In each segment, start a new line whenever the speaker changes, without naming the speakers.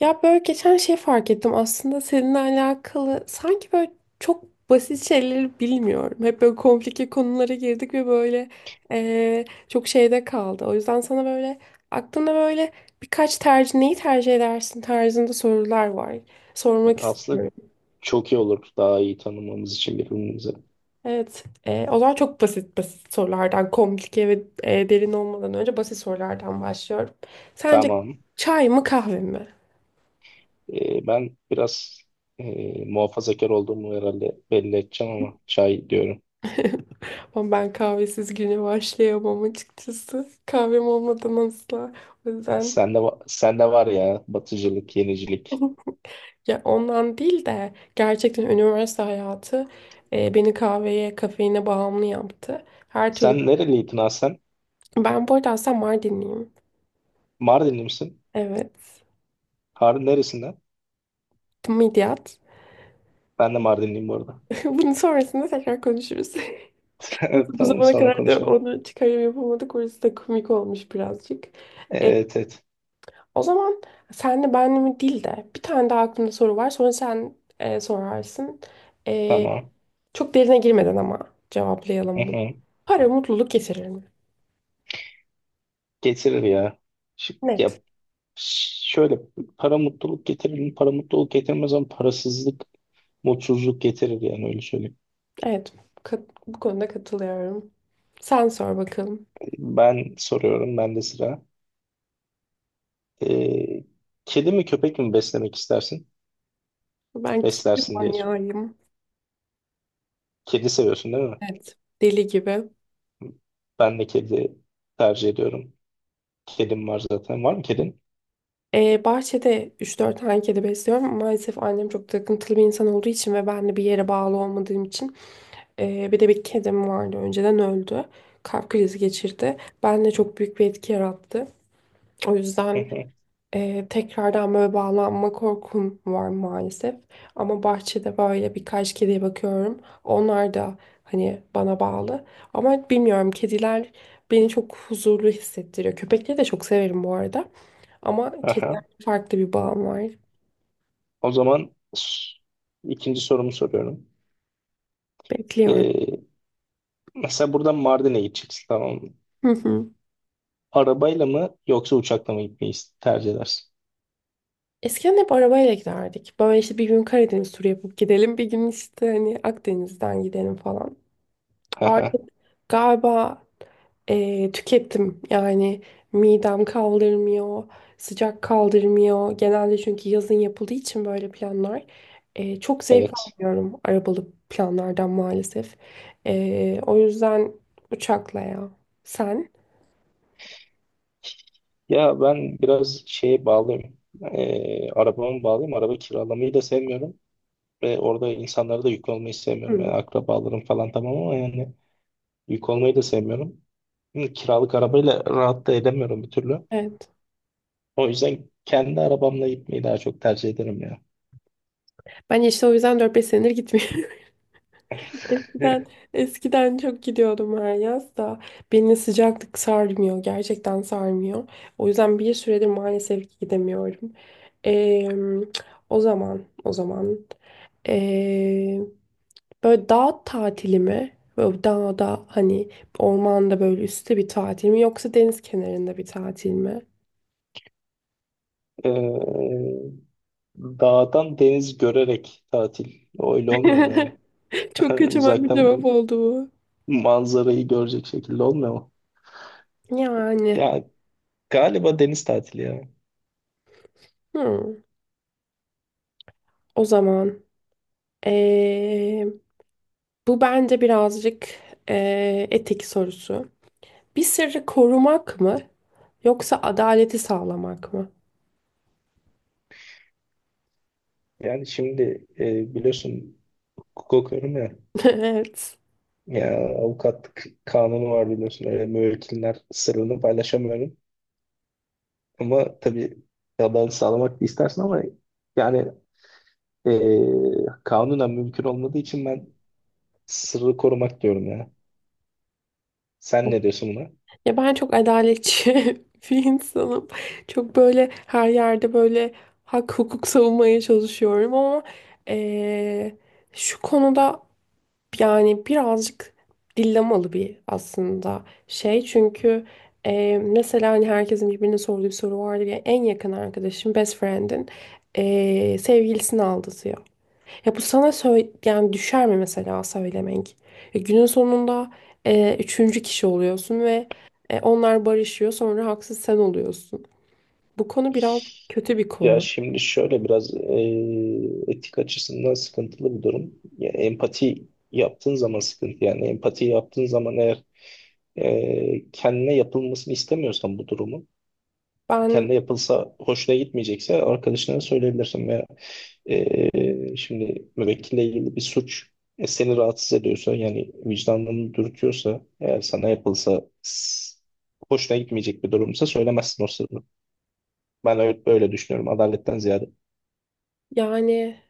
Ya böyle geçen şey fark ettim aslında seninle alakalı sanki böyle çok basit şeyleri bilmiyorum. Hep böyle komplike konulara girdik ve böyle çok şeyde kaldı. O yüzden sana böyle aklında böyle birkaç tercih neyi tercih edersin tarzında sorular var. Sormak
Aslında
istiyorum.
çok iyi olur daha iyi tanımamız için birbirimizi.
Evet, o zaman çok basit basit sorulardan komplike ve derin olmadan önce basit sorulardan başlıyorum. Sence
Tamam.
çay mı kahve mi?
Ben biraz muhafazakar olduğumu herhalde belli edeceğim ama çay diyorum.
Ama ben kahvesiz güne başlayamam, açıkçası. Kahvem olmadan asla. O yüzden
Sende, sende var ya batıcılık, yenicilik.
ya ondan değil de gerçekten üniversite hayatı beni kahveye, kafeine bağımlı yaptı. Her türlü.
Sen nereliydin ha sen?
Ben bu arada aslında Mardinliyim.
Mardinli misin?
Evet.
Harun neresinden?
Midyat.
Ben de Mardinliyim bu arada.
Bunun sonrasında tekrar konuşuruz.
Evet,
Nasıl bu
tamam
zamana
sonra
kadar da
konuşalım.
onu çıkarım yapamadık. Orası da komik olmuş birazcık.
Evet, evet.
O zaman senle benle mi değil de bir tane daha aklımda soru var. Sonra sen sorarsın. E,
Tamam.
Çok derine girmeden ama
Hı
cevaplayalım bunu.
hı.
Para mutluluk getirir mi?
Getirir ya. Ya
Net.
şöyle para mutluluk getirir mi? Para mutluluk getirmez ama parasızlık mutsuzluk getirir, yani öyle söyleyeyim.
Evet. Bu konuda katılıyorum. Sen sor bakalım.
Ben soruyorum, ben de sıra. Ee, kedi mi köpek mi beslemek istersin?
Ben kedi
Beslersin diye.
manyağıyım.
Kedi seviyorsun değil mi?
Evet. Deli gibi.
Ben de kedi tercih ediyorum. Kedim var zaten. Var mı kedin?
Bahçede 3-4 tane kedi besliyorum. Maalesef annem çok takıntılı bir insan olduğu için ve ben de bir yere bağlı olmadığım için. Bir de bir kedim vardı. Önceden öldü. Kalp krizi geçirdi. Bende çok büyük bir etki yarattı. O
Hı
yüzden
hı.
tekrardan böyle bağlanma korkum var, maalesef. Ama bahçede böyle birkaç kediye bakıyorum. Onlar da hani bana bağlı. Ama bilmiyorum, kediler beni çok huzurlu hissettiriyor. Köpekleri de çok severim bu arada. Ama
Aha.
kedilerle farklı bir bağım var.
O zaman s- ikinci sorumu soruyorum.
Bekliyorum.
Ee, mesela buradan Mardin'e gideceksin, tamam mı? Arabayla mı yoksa uçakla mı gitmeyi tercih edersin?
Eskiden hep arabayla giderdik. Böyle işte bir gün Karadeniz turu yapıp gidelim, bir gün işte hani Akdeniz'den gidelim falan. Artık galiba tükettim. Yani midem kaldırmıyor, sıcak kaldırmıyor. Genelde çünkü yazın yapıldığı için böyle planlar. Çok zevk
Evet.
almıyorum arabalı planlardan, maalesef. O yüzden uçakla ya. Sen?
Ya ben biraz şeye bağlıyım. Arabama bağlıyım. Araba kiralamayı da sevmiyorum. Ve orada insanlara da yük olmayı sevmiyorum. Yani
Hı,
akrabalarım falan tamam ama yani yük olmayı da sevmiyorum. Şimdi kiralık arabayla rahat da edemiyorum bir türlü.
evet.
O yüzden kendi arabamla gitmeyi daha çok tercih ederim ya.
Ben işte o yüzden 4-5 senedir gitmiyorum. Eskiden, eskiden çok gidiyordum her yaz da beni sıcaklık sarmıyor. Gerçekten sarmıyor. O yüzden bir süredir maalesef ki gidemiyorum. Ee, o zaman ee, böyle dağ tatili mi? Böyle dağda hani ormanda böyle üstte bir tatil mi yoksa deniz kenarında bir tatil mi?
Ee, dağdan deniz görerek tatil. Öyle olmuyor mu yani?
Çok kaçamak bir
Uzaktan
cevap oldu bu.
manzarayı görecek şekilde olmuyor mu?
Yani,
Ya galiba deniz tatili ya.
hmm, o zaman bu bence birazcık etik sorusu. Bir sırrı korumak mı yoksa adaleti sağlamak mı?
Yani şimdi biliyorsun hukuk okuyorum ya.
Evet.
Ya avukatlık kanunu var biliyorsun. Öyle müvekkiller sırrını paylaşamıyorum. Ama tabii adalet sağlamak da istersin ama yani kanunen mümkün olmadığı için ben sırrı korumak diyorum ya. Sen ne diyorsun?
Ya ben çok adaletçi bir insanım. Çok böyle her yerde böyle hak hukuk savunmaya çalışıyorum ama eee, şu konuda. Yani birazcık dillemalı bir aslında şey, çünkü mesela hani herkesin birbirine sorduğu bir soru vardır ya, en yakın arkadaşın best friend'in sevgilisini aldatıyor. Ya bu sana söyle yani düşer mi mesela söylemek? Günün sonunda üçüncü kişi oluyorsun ve onlar barışıyor, sonra haksız sen oluyorsun. Bu konu biraz kötü bir
Ya
konu.
şimdi şöyle biraz etik açısından sıkıntılı bir durum. Ya empati yaptığın zaman sıkıntı, yani empati yaptığın zaman eğer kendine yapılmasını istemiyorsan bu durumu,
Ben
kendine yapılsa hoşuna gitmeyecekse arkadaşlarına söyleyebilirsin veya şimdi müvekkille ilgili bir suç seni rahatsız ediyorsa, yani vicdanını dürtüyorsa, eğer sana yapılsa hoşuna gitmeyecek bir durumsa söylemezsin o sırrı. Ben öyle düşünüyorum adaletten ziyade.
yani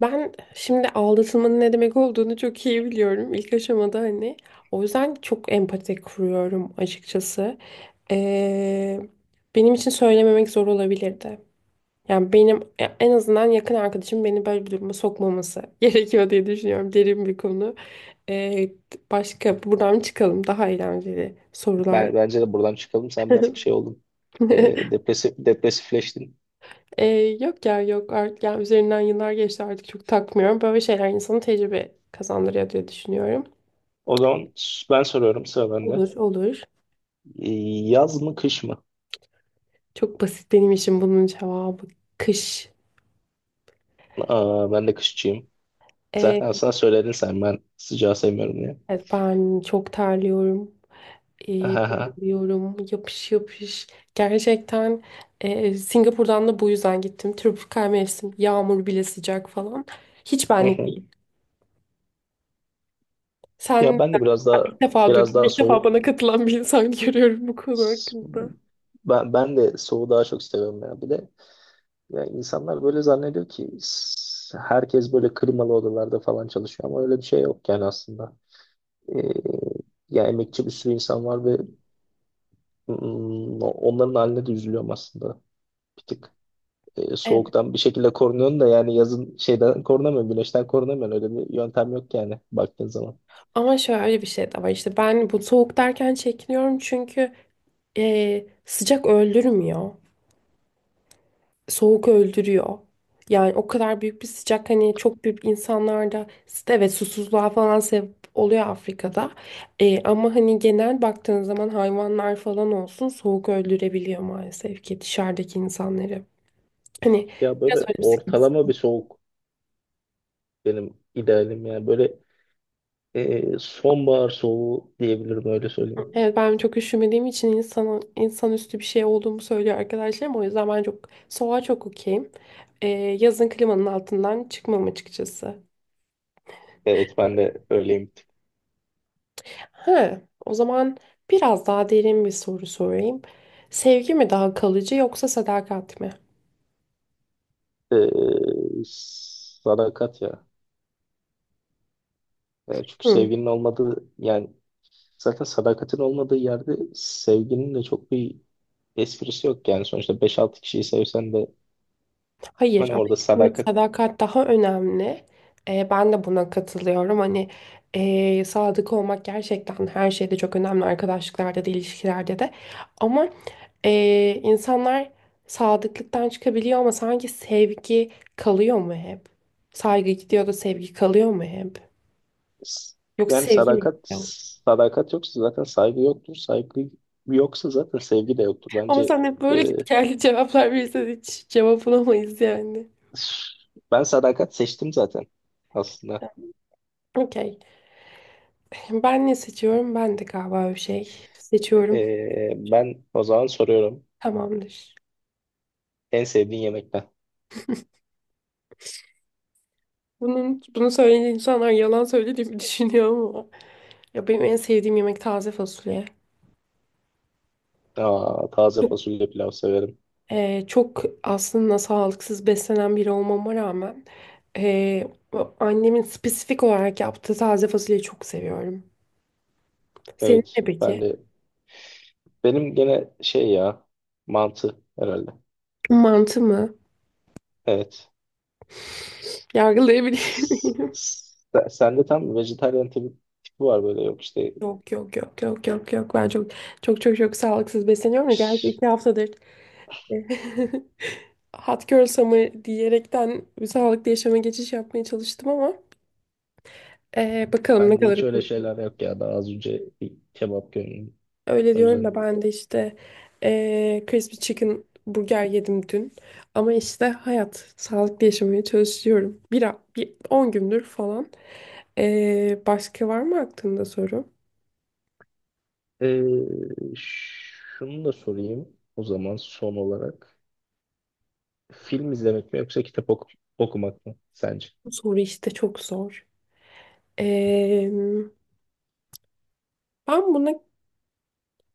Ben şimdi aldatılmanın ne demek olduğunu çok iyi biliyorum ilk aşamada, hani. O yüzden çok empati kuruyorum, açıkçası. Ee, Benim için söylememek zor olabilirdi. Yani benim ya en azından yakın arkadaşım beni böyle bir duruma sokmaması gerekiyor diye düşünüyorum. Derin bir konu. Ee, Başka, buradan çıkalım, daha eğlenceli sorular.
Ben, bence de buradan çıkalım. Sen bir tık şey oldun. Depresifleştin.
Ee, Yok ya, yok artık, yani üzerinden yıllar geçti, artık çok takmıyorum. Böyle şeyler insanın tecrübe kazandırıyor diye düşünüyorum.
Ben soruyorum, sıra bende.
Olur, olur.
Ee, Yaz mı kış mı?
Çok basit benim için bunun cevabı. Kış.
Aa, ben de kışçıyım.
Ee,
Zaten aslında söyledin sen, ben sıcağı sevmiyorum diye.
evet, ben çok terliyorum. Ee,
Aha.
Biliyorum. Yapış yapış. Gerçekten Singapur'dan da bu yüzden gittim. Tropikal mevsim. Yağmur bile sıcak falan. Hiç
Hı
benlik
hı.
değil.
Ya
Sen
ben de biraz daha,
Ben ilk defa
biraz
duydum.
daha
İlk defa
soğuk,
bana katılan bir insan görüyorum bu konu hakkında.
ben de soğuğu daha çok seviyorum ya. Bir de ya insanlar böyle zannediyor ki herkes böyle kırmalı odalarda falan çalışıyor ama öyle bir şey yok yani aslında. Ee, ya emekçi bir sürü insan var ve onların haline de üzülüyorum aslında. Bir tık
Evet.
soğuktan bir şekilde korunuyorsun da yani yazın şeyden korunamıyorsun, güneşten korunamıyorsun. Öyle bir yöntem yok yani baktığın zaman.
Ama şöyle bir şey de var. İşte ben bu soğuk derken çekiniyorum, çünkü sıcak öldürmüyor. Soğuk öldürüyor. Yani o kadar büyük bir sıcak hani çok büyük insanlarda evet susuzluğa falan sebep oluyor Afrika'da. Ama hani genel baktığın zaman hayvanlar falan olsun soğuk öldürebiliyor maalesef ki dışarıdaki insanları. Hani
Ya
biraz
böyle
öyle bir sıkıntı.
ortalama bir soğuk benim idealim yani. Böyle sonbahar soğuğu diyebilirim, öyle söyleyeyim.
Evet, ben çok üşümediğim için insanüstü bir şey olduğumu söylüyor arkadaşlarım. O yüzden ben çok soğuğa çok okeyim. Yazın klimanın altından çıkmam, açıkçası.
Evet, ben de öyleyim.
He, o zaman biraz daha derin bir soru sorayım. Sevgi mi daha kalıcı yoksa sadakat mi?
E, sadakat ya. Çünkü
Hı,
sevginin olmadığı yani zaten sadakatin olmadığı yerde sevginin de çok bir esprisi yok, yani sonuçta beş altı kişiyi sevsen de
hayır
hani
ama
orada
yine
sadakat,
sadakat daha önemli. Ben de buna katılıyorum. Hani sadık olmak gerçekten her şeyde çok önemli. Arkadaşlıklarda da ilişkilerde de. Ama insanlar sadıklıktan çıkabiliyor ama sanki sevgi kalıyor mu hep? Saygı gidiyor da sevgi kalıyor mu hep? Yoksa
yani
sevgi mi
sadakat
gidiyor?
sadakat yoksa zaten saygı yoktur. Saygı yoksa zaten sevgi de yoktur.
Ama
Bence
sen hep
e,
böyle git geldi cevaplar verirsen hiç cevap bulamayız yani.
ben sadakat seçtim zaten aslında.
Okey. Ben ne seçiyorum? Ben de galiba bir şey seçiyorum.
Ben o zaman soruyorum.
Tamamdır.
En sevdiğin yemekten.
Bunu söyleyen insanlar yalan söylediğimi düşünüyor ama. Ya benim en sevdiğim yemek taze fasulye.
Aa, taze fasulye pilav severim.
Çok aslında sağlıksız beslenen biri olmama rağmen o annemin spesifik olarak yaptığı taze fasulyeyi çok seviyorum. Senin ne
Evet.
peki?
Ben de benim gene şey ya, mantı herhalde.
Mantı mı?
Evet.
Yargılayabilir miyim?
Sende tam vejetaryen tipi var böyle, yok işte
Yok yok yok yok yok yok, ben çok çok çok çok sağlıksız besleniyorum da gerçi
ş-
2 haftadır hot girl summer diyerekten sağlıklı yaşama geçiş yapmaya çalıştım ama bakalım ne
ben de
kadar.
hiç öyle şeyler yok ya. Daha az önce bir kebap gömdüm.
Öyle
O
diyorum
yüzden.
da ben de işte crispy chicken burger yedim dün ama işte hayat sağlıklı yaşamaya çalışıyorum bir 10 gündür falan. Başka var mı aklında soru?
Şunu da sorayım o zaman son olarak. Film izlemek mi yoksa okumak mı sence?
Bu soru işte çok zor. Eee Ben buna,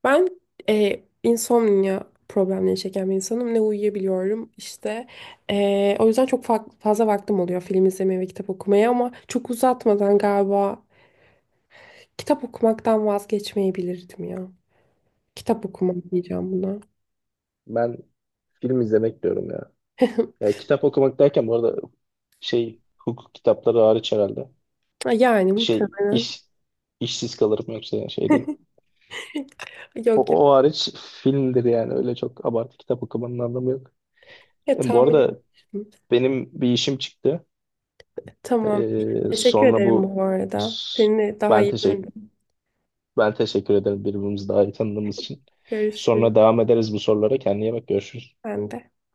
ben, insomnia problemleri çeken bir insanım. Ne uyuyabiliyorum işte. O yüzden çok fazla vaktim oluyor film izlemeye ve kitap okumaya ama çok uzatmadan galiba kitap okumaktan vazgeçmeyebilirdim ya. Kitap okumak diyeceğim buna.
Ben film izlemek diyorum ya. Ya kitap okumak derken bu arada şey, hukuk kitapları hariç herhalde.
Yani
Şey,
muhtemelen.
işsiz kalırım yoksa, yani şey değil.
Yok
O, o
yok.
hariç filmdir yani, öyle çok abartı kitap okumanın anlamı yok.
Ya,
Bu
tahmin
arada
etmiştim.
benim bir işim çıktı.
Tamam. Teşekkür
Sonra
ederim
bu
bu arada.
s-
Seni daha
ben
iyi
teşekkür
tanıdım.
ben teşekkür ederim birbirimizi daha iyi tanıdığımız için.
Görüşürüz.
Sonra devam ederiz bu sorulara. Kendine iyi bak, görüşürüz.
Ben de.